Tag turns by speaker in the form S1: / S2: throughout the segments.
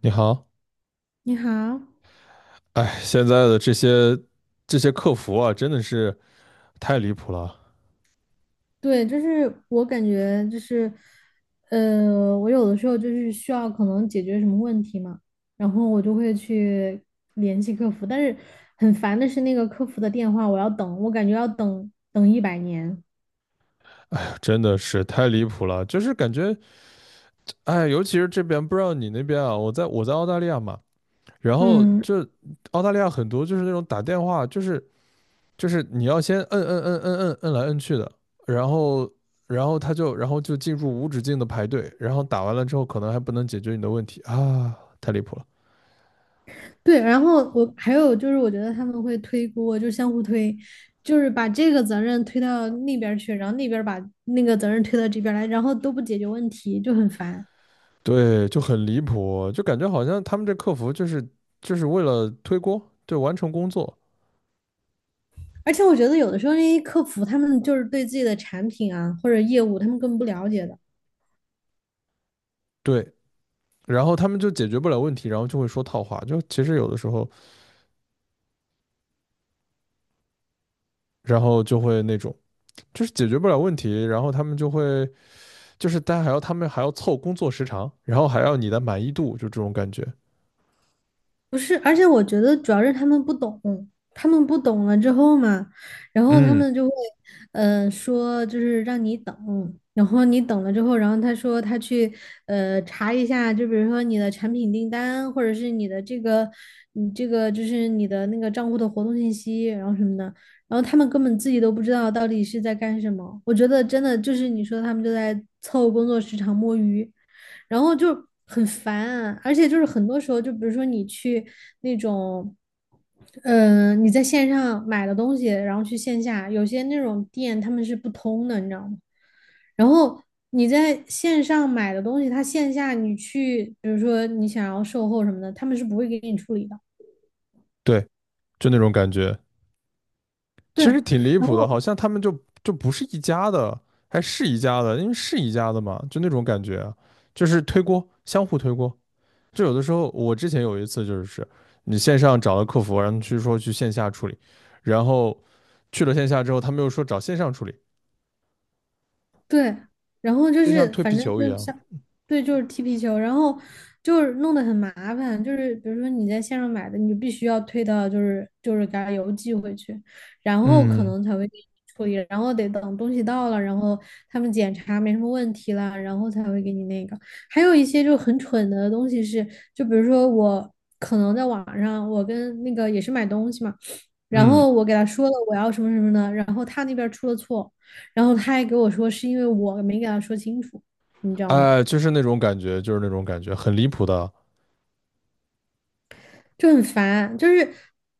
S1: 你好。
S2: 你好，
S1: 哎，现在的这些客服啊，真的是太离谱了。
S2: 对，就是我感觉就是，我有的时候就是需要可能解决什么问题嘛，然后我就会去联系客服，但是很烦的是那个客服的电话，我要等，我感觉要等100年。
S1: 哎呀，真的是太离谱了，就是感觉，哎，尤其是这边，不知道你那边啊，我在澳大利亚嘛，然后
S2: 嗯，
S1: 就澳大利亚很多就是那种打电话，就是你要先摁摁摁摁摁摁来摁去的，然后然后他就然后就进入无止境的排队，然后打完了之后可能还不能解决你的问题啊，太离谱了。
S2: 对，然后我还有就是，我觉得他们会推锅，就相互推，就是把这个责任推到那边儿去，然后那边儿把那个责任推到这边儿来，然后都不解决问题，就很烦。
S1: 对，就很离谱，就感觉好像他们这客服就是为了推锅，对，完成工作。
S2: 而且我觉得有的时候那些客服他们就是对自己的产品啊或者业务他们根本不了解的。
S1: 对，然后他们就解决不了问题，然后就会说套话，就其实有的时候，然后就会那种就是解决不了问题，然后他们就会就是大家还要他们还要凑工作时长，然后还要你的满意度，就这种感觉。
S2: 不是，而且我觉得主要是他们不懂，他们不懂了之后嘛，然后他
S1: 嗯，
S2: 们就会，说就是让你等，然后你等了之后，然后他说他去，查一下，就比如说你的产品订单，或者是你的这个，你这个就是你的那个账户的活动信息，然后什么的，然后他们根本自己都不知道到底是在干什么。我觉得真的就是你说他们就在凑工作时长摸鱼。然后就很烦，而且就是很多时候，就比如说你去那种，你在线上买的东西，然后去线下，有些那种店他们是不通的，你知道吗？然后你在线上买的东西，它线下你去，比如说你想要售后什么的，他们是不会给你处理的。
S1: 对，就那种感觉，
S2: 对，
S1: 其实挺离
S2: 然
S1: 谱的，好
S2: 后
S1: 像他们就就不是一家的，还是一家的，因为是一家的嘛，就那种感觉啊，就是推锅，相互推锅。就有的时候，我之前有一次就是你线上找了客服，然后去说去线下处理，然后去了线下之后，他们又说找线上处理，
S2: 对，然后就
S1: 就像
S2: 是
S1: 推
S2: 反
S1: 皮
S2: 正
S1: 球一
S2: 就
S1: 样。
S2: 像，对，就是踢皮球，然后就是弄得很麻烦，就是比如说你在线上买的，你就必须要退到就是给他邮寄回去，然后可
S1: 嗯，
S2: 能才会给你处理，然后得等东西到了，然后他们检查没什么问题了，然后才会给你那个。还有一些就很蠢的东西是，就比如说我可能在网上，我跟那个也是买东西嘛。然
S1: 嗯，
S2: 后我给他说了我要什么什么的，然后他那边出了错，然后他还给我说是因为我没给他说清楚，你知道吗？
S1: 哎，就是那种感觉，就是那种感觉，很离谱的。
S2: 就很烦，就是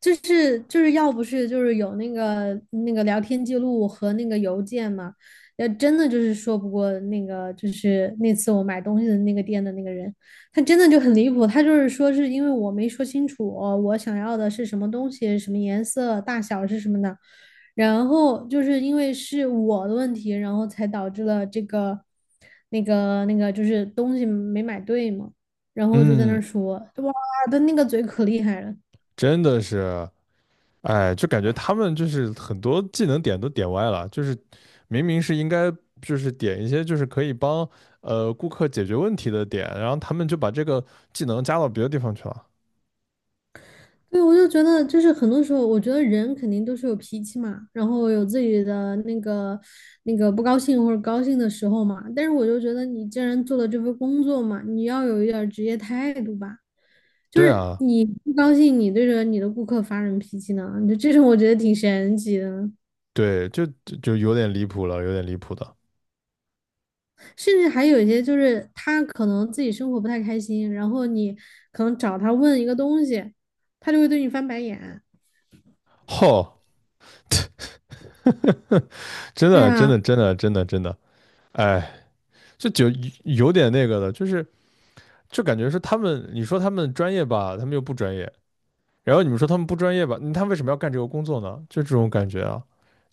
S2: 要不是就是有那个聊天记录和那个邮件嘛，要真的就是说不过那个就是那次我买东西的那个店的那个人，他真的就很离谱，他就是说是因为我没说清楚我想要的是什么东西、什么颜色、大小是什么的，然后就是因为是我的问题，然后才导致了这个那个就是东西没买对嘛。然后就在那
S1: 嗯，
S2: 儿说，哇，的那个嘴可厉害了。
S1: 真的是，哎，就感觉他们就是很多技能点都点歪了，就是明明是应该就是点一些就是可以帮顾客解决问题的点，然后他们就把这个技能加到别的地方去了。
S2: 对，我就觉得，就是很多时候，我觉得人肯定都是有脾气嘛，然后有自己的那个那个不高兴或者高兴的时候嘛。但是我就觉得，你既然做了这份工作嘛，你要有一点儿职业态度吧。就
S1: 对
S2: 是
S1: 啊。
S2: 你不高兴，你对着你的顾客发什么脾气呢？就这种我觉得挺神奇的。
S1: 对，就有点离谱了，有点离谱的。
S2: 甚至还有一些就是他可能自己生活不太开心，然后你可能找他问一个东西，他就会对你翻白眼。
S1: 吼，真
S2: 对
S1: 的，真的，
S2: 啊，
S1: 真的，真的，真的，哎，这就有点那个的，就是就感觉是他们，你说他们专业吧，他们又不专业，然后你们说他们不专业吧，嗯他为什么要干这个工作呢？就这种感觉啊，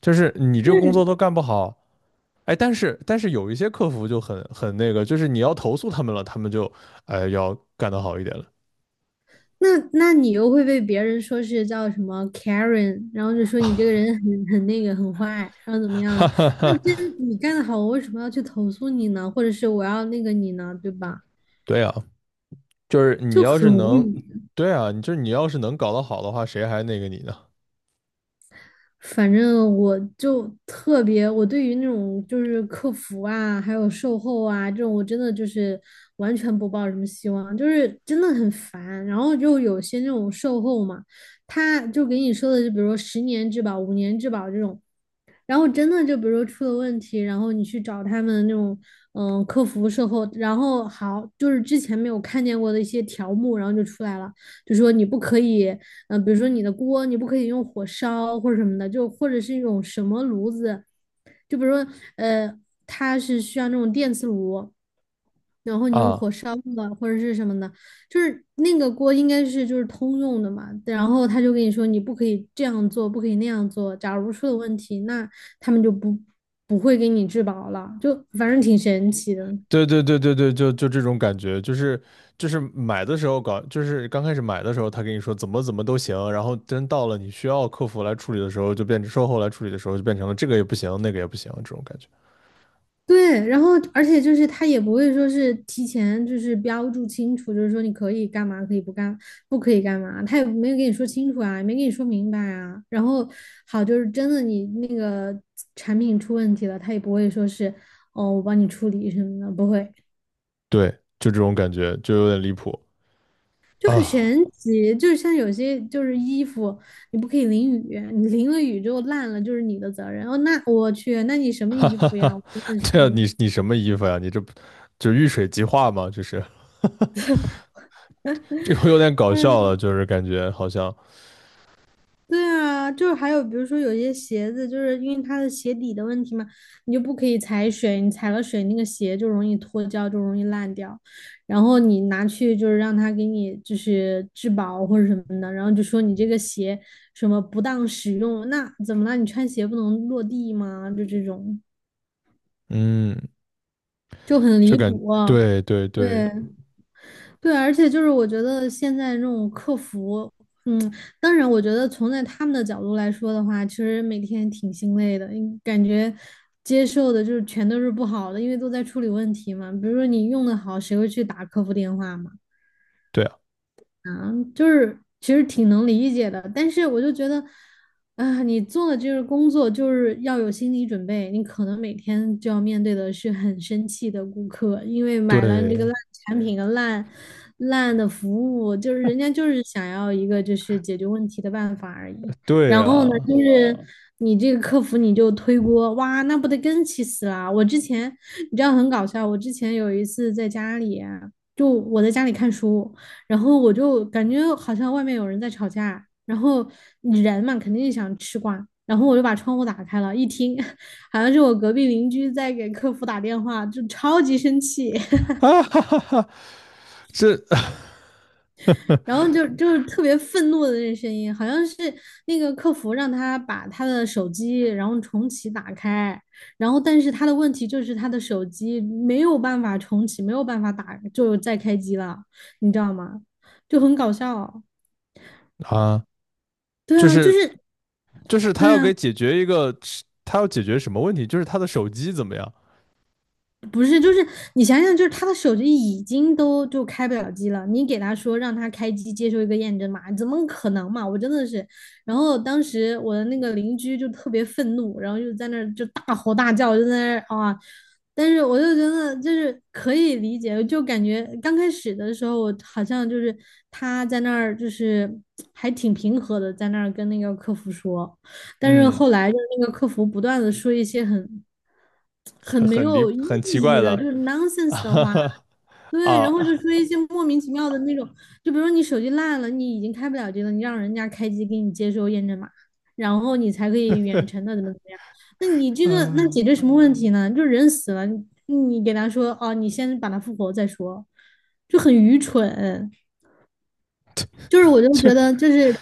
S1: 就是你这个工作
S2: 对，
S1: 都干不好。哎，但是有一些客服就很很那个，就是你要投诉他们了，他们就哎要干得好一点了。
S2: 那你又会被别人说是叫什么 Karen，然后就说你这个人很那个很坏，然后怎么样的？那真你干的好，我为什么要去投诉你呢？或者是我要那个你呢？对吧？
S1: 对啊，就是你
S2: 就
S1: 要是
S2: 很无
S1: 能，
S2: 语。
S1: 对啊，你就是你要是能搞得好的话，谁还那个你呢？
S2: 反正我就特别，我对于那种就是客服啊，还有售后啊这种，我真的就是完全不抱什么希望，就是真的很烦。然后就有些那种售后嘛，他就给你说的，就比如说10年质保、5年质保这种。然后真的就比如说出了问题，然后你去找他们那种客服售后，然后好就是之前没有看见过的一些条目，然后就出来了，就说你不可以，比如说你的锅你不可以用火烧或者什么的，就或者是一种什么炉子，就比如说呃它是需要那种电磁炉，然后你用
S1: 啊。
S2: 火烧的或者是什么的，就是那个锅应该是就是通用的嘛，然后他就跟你说你不可以这样做，不可以那样做。假如出了问题，那他们就不会给你质保了，就反正挺神奇的。
S1: 对对对对对，就就这种感觉，就是就是买的时候搞，就是刚开始买的时候，他跟你说怎么怎么都行，然后真到了你需要客服来处理的时候，就变成售后来处理的时候，就变成了这个也不行，那个也不行，这种感觉。
S2: 对，然后而且就是他也不会说是提前就是标注清楚，就是说你可以干嘛，可以不干，不可以干嘛，他也没有跟你说清楚啊，也没跟你说明白啊。然后好，就是真的你那个产品出问题了，他也不会说是哦我帮你处理什么的，不会，
S1: 对，就这种感觉，就有点离谱
S2: 就很神
S1: 啊！
S2: 奇，就是像有些就是衣服，你不可以淋雨，你淋了雨就烂了，就是你的责任。哦，那我去，那你什 么
S1: 哈
S2: 衣
S1: 哈
S2: 服呀？我
S1: 哈，
S2: 真的
S1: 对啊，你
S2: 是。
S1: 你什么衣服呀？你这不就遇水即化吗？就是 这个有点搞笑了，就是感觉好像，
S2: 对啊，就是还有比如说有些鞋子，就是因为它的鞋底的问题嘛，你就不可以踩水，你踩了水那个鞋就容易脱胶，就容易烂掉。然后你拿去就是让他给你就是质保或者什么的，然后就说你这个鞋什么不当使用，那怎么了？你穿鞋不能落地吗？就这种。
S1: 嗯，
S2: 就很
S1: 就
S2: 离
S1: 感
S2: 谱啊。
S1: 对对
S2: 对
S1: 对，
S2: 对，而且就是我觉得现在这种客服，嗯，当然我觉得从在他们的角度来说的话，其实每天挺心累的，因感觉接受的就是全都是不好的，因为都在处理问题嘛。比如说你用的好，谁会去打客服电话嘛？
S1: 对啊，
S2: 就是其实挺能理解的，但是我就觉得，你做的这个工作就是要有心理准备，你可能每天就要面对的是很生气的顾客，因为买了这个
S1: 对
S2: 烂产品和烂的服务，就是人家就是想要一个就是解决问题的办法而已。
S1: 对
S2: 然后呢，
S1: 啊。
S2: 就是你这个客服你就推锅，哇，那不得更气死啦！我之前你知道很搞笑，我之前有一次在家里啊就我在家里看书，然后我就感觉好像外面有人在吵架，然后人嘛肯定想吃瓜，然后我就把窗户打开了，一听好像是我隔壁邻居在给客服打电话，就超级生气，
S1: 啊哈哈哈，这
S2: 然后就是特别愤怒的那声音，好像是那个客服让他把他的手机然后重启打开，然后但是他的问题就是他的手机没有办法重启，没有办法打，就再开机了，你知道吗？就很搞笑，
S1: 啊，
S2: 对
S1: 就
S2: 啊，就
S1: 是
S2: 是。
S1: 就是他
S2: 对
S1: 要
S2: 啊，
S1: 给解决一个，他要解决什么问题？就是他的手机怎么样？
S2: 不是，就是你想想，就是他的手机已经都就开不了机了，你给他说让他开机接受一个验证码，怎么可能嘛？我真的是，然后当时我的那个邻居就特别愤怒，然后就在那儿就大吼大叫，就在那儿啊，但是我就觉得就是可以理解，就感觉刚开始的时候，我好像就是他在那儿就是还挺平和的，在那儿跟那个客服说。但是
S1: 嗯，
S2: 后来就是那个客服不断的说一些很
S1: 很
S2: 没
S1: 很离
S2: 有意
S1: 很奇
S2: 义
S1: 怪
S2: 的，就
S1: 的
S2: 是 nonsense 的话，
S1: 啊
S2: 对，然后
S1: 啊，
S2: 就说一些莫名其妙的那种，就比如说你手机烂了，你已经开不了机了，你让人家开机给你接收验证码，然后你才可以远程的怎么怎么样，那你这个那
S1: 嗯，
S2: 解决什么问题呢？就人死了，你给他说哦，你先把它复活再说，就很愚蠢。就是我就
S1: 就
S2: 觉得就是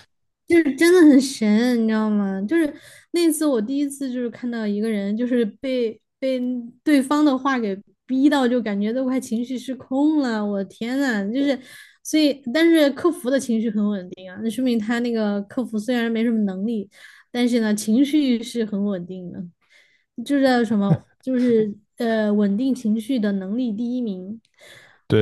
S2: 就是真的很神，你知道吗？就是那次我第一次就是看到一个人就是被对方的话给逼到，就感觉都快情绪失控了。我的天呐，就是所以，但是客服的情绪很稳定啊，那说明他那个客服虽然没什么能力，但是呢情绪是很稳定的，就是叫什么就是稳定情绪的能力第一名，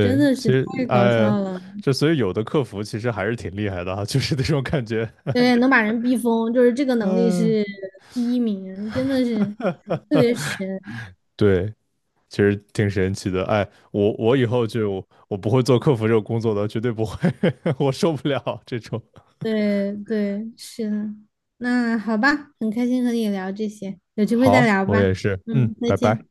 S2: 真的是
S1: 其实
S2: 太搞笑
S1: 哎呀，
S2: 了。
S1: 这所以有的客服其实还是挺厉害的啊，就是那种感觉。
S2: 对，能 把人逼疯，就是这个能力
S1: 嗯，
S2: 是第一名，真的是，
S1: 对，其实挺神奇的。哎，我以后就我不会做客服这个工作的，绝对不会，我受不了这种。
S2: 对对，是的。那好吧，很开心和你聊这些，有机会再
S1: 好，
S2: 聊
S1: 我
S2: 吧。
S1: 也是，嗯，
S2: 嗯，再
S1: 拜
S2: 见。
S1: 拜。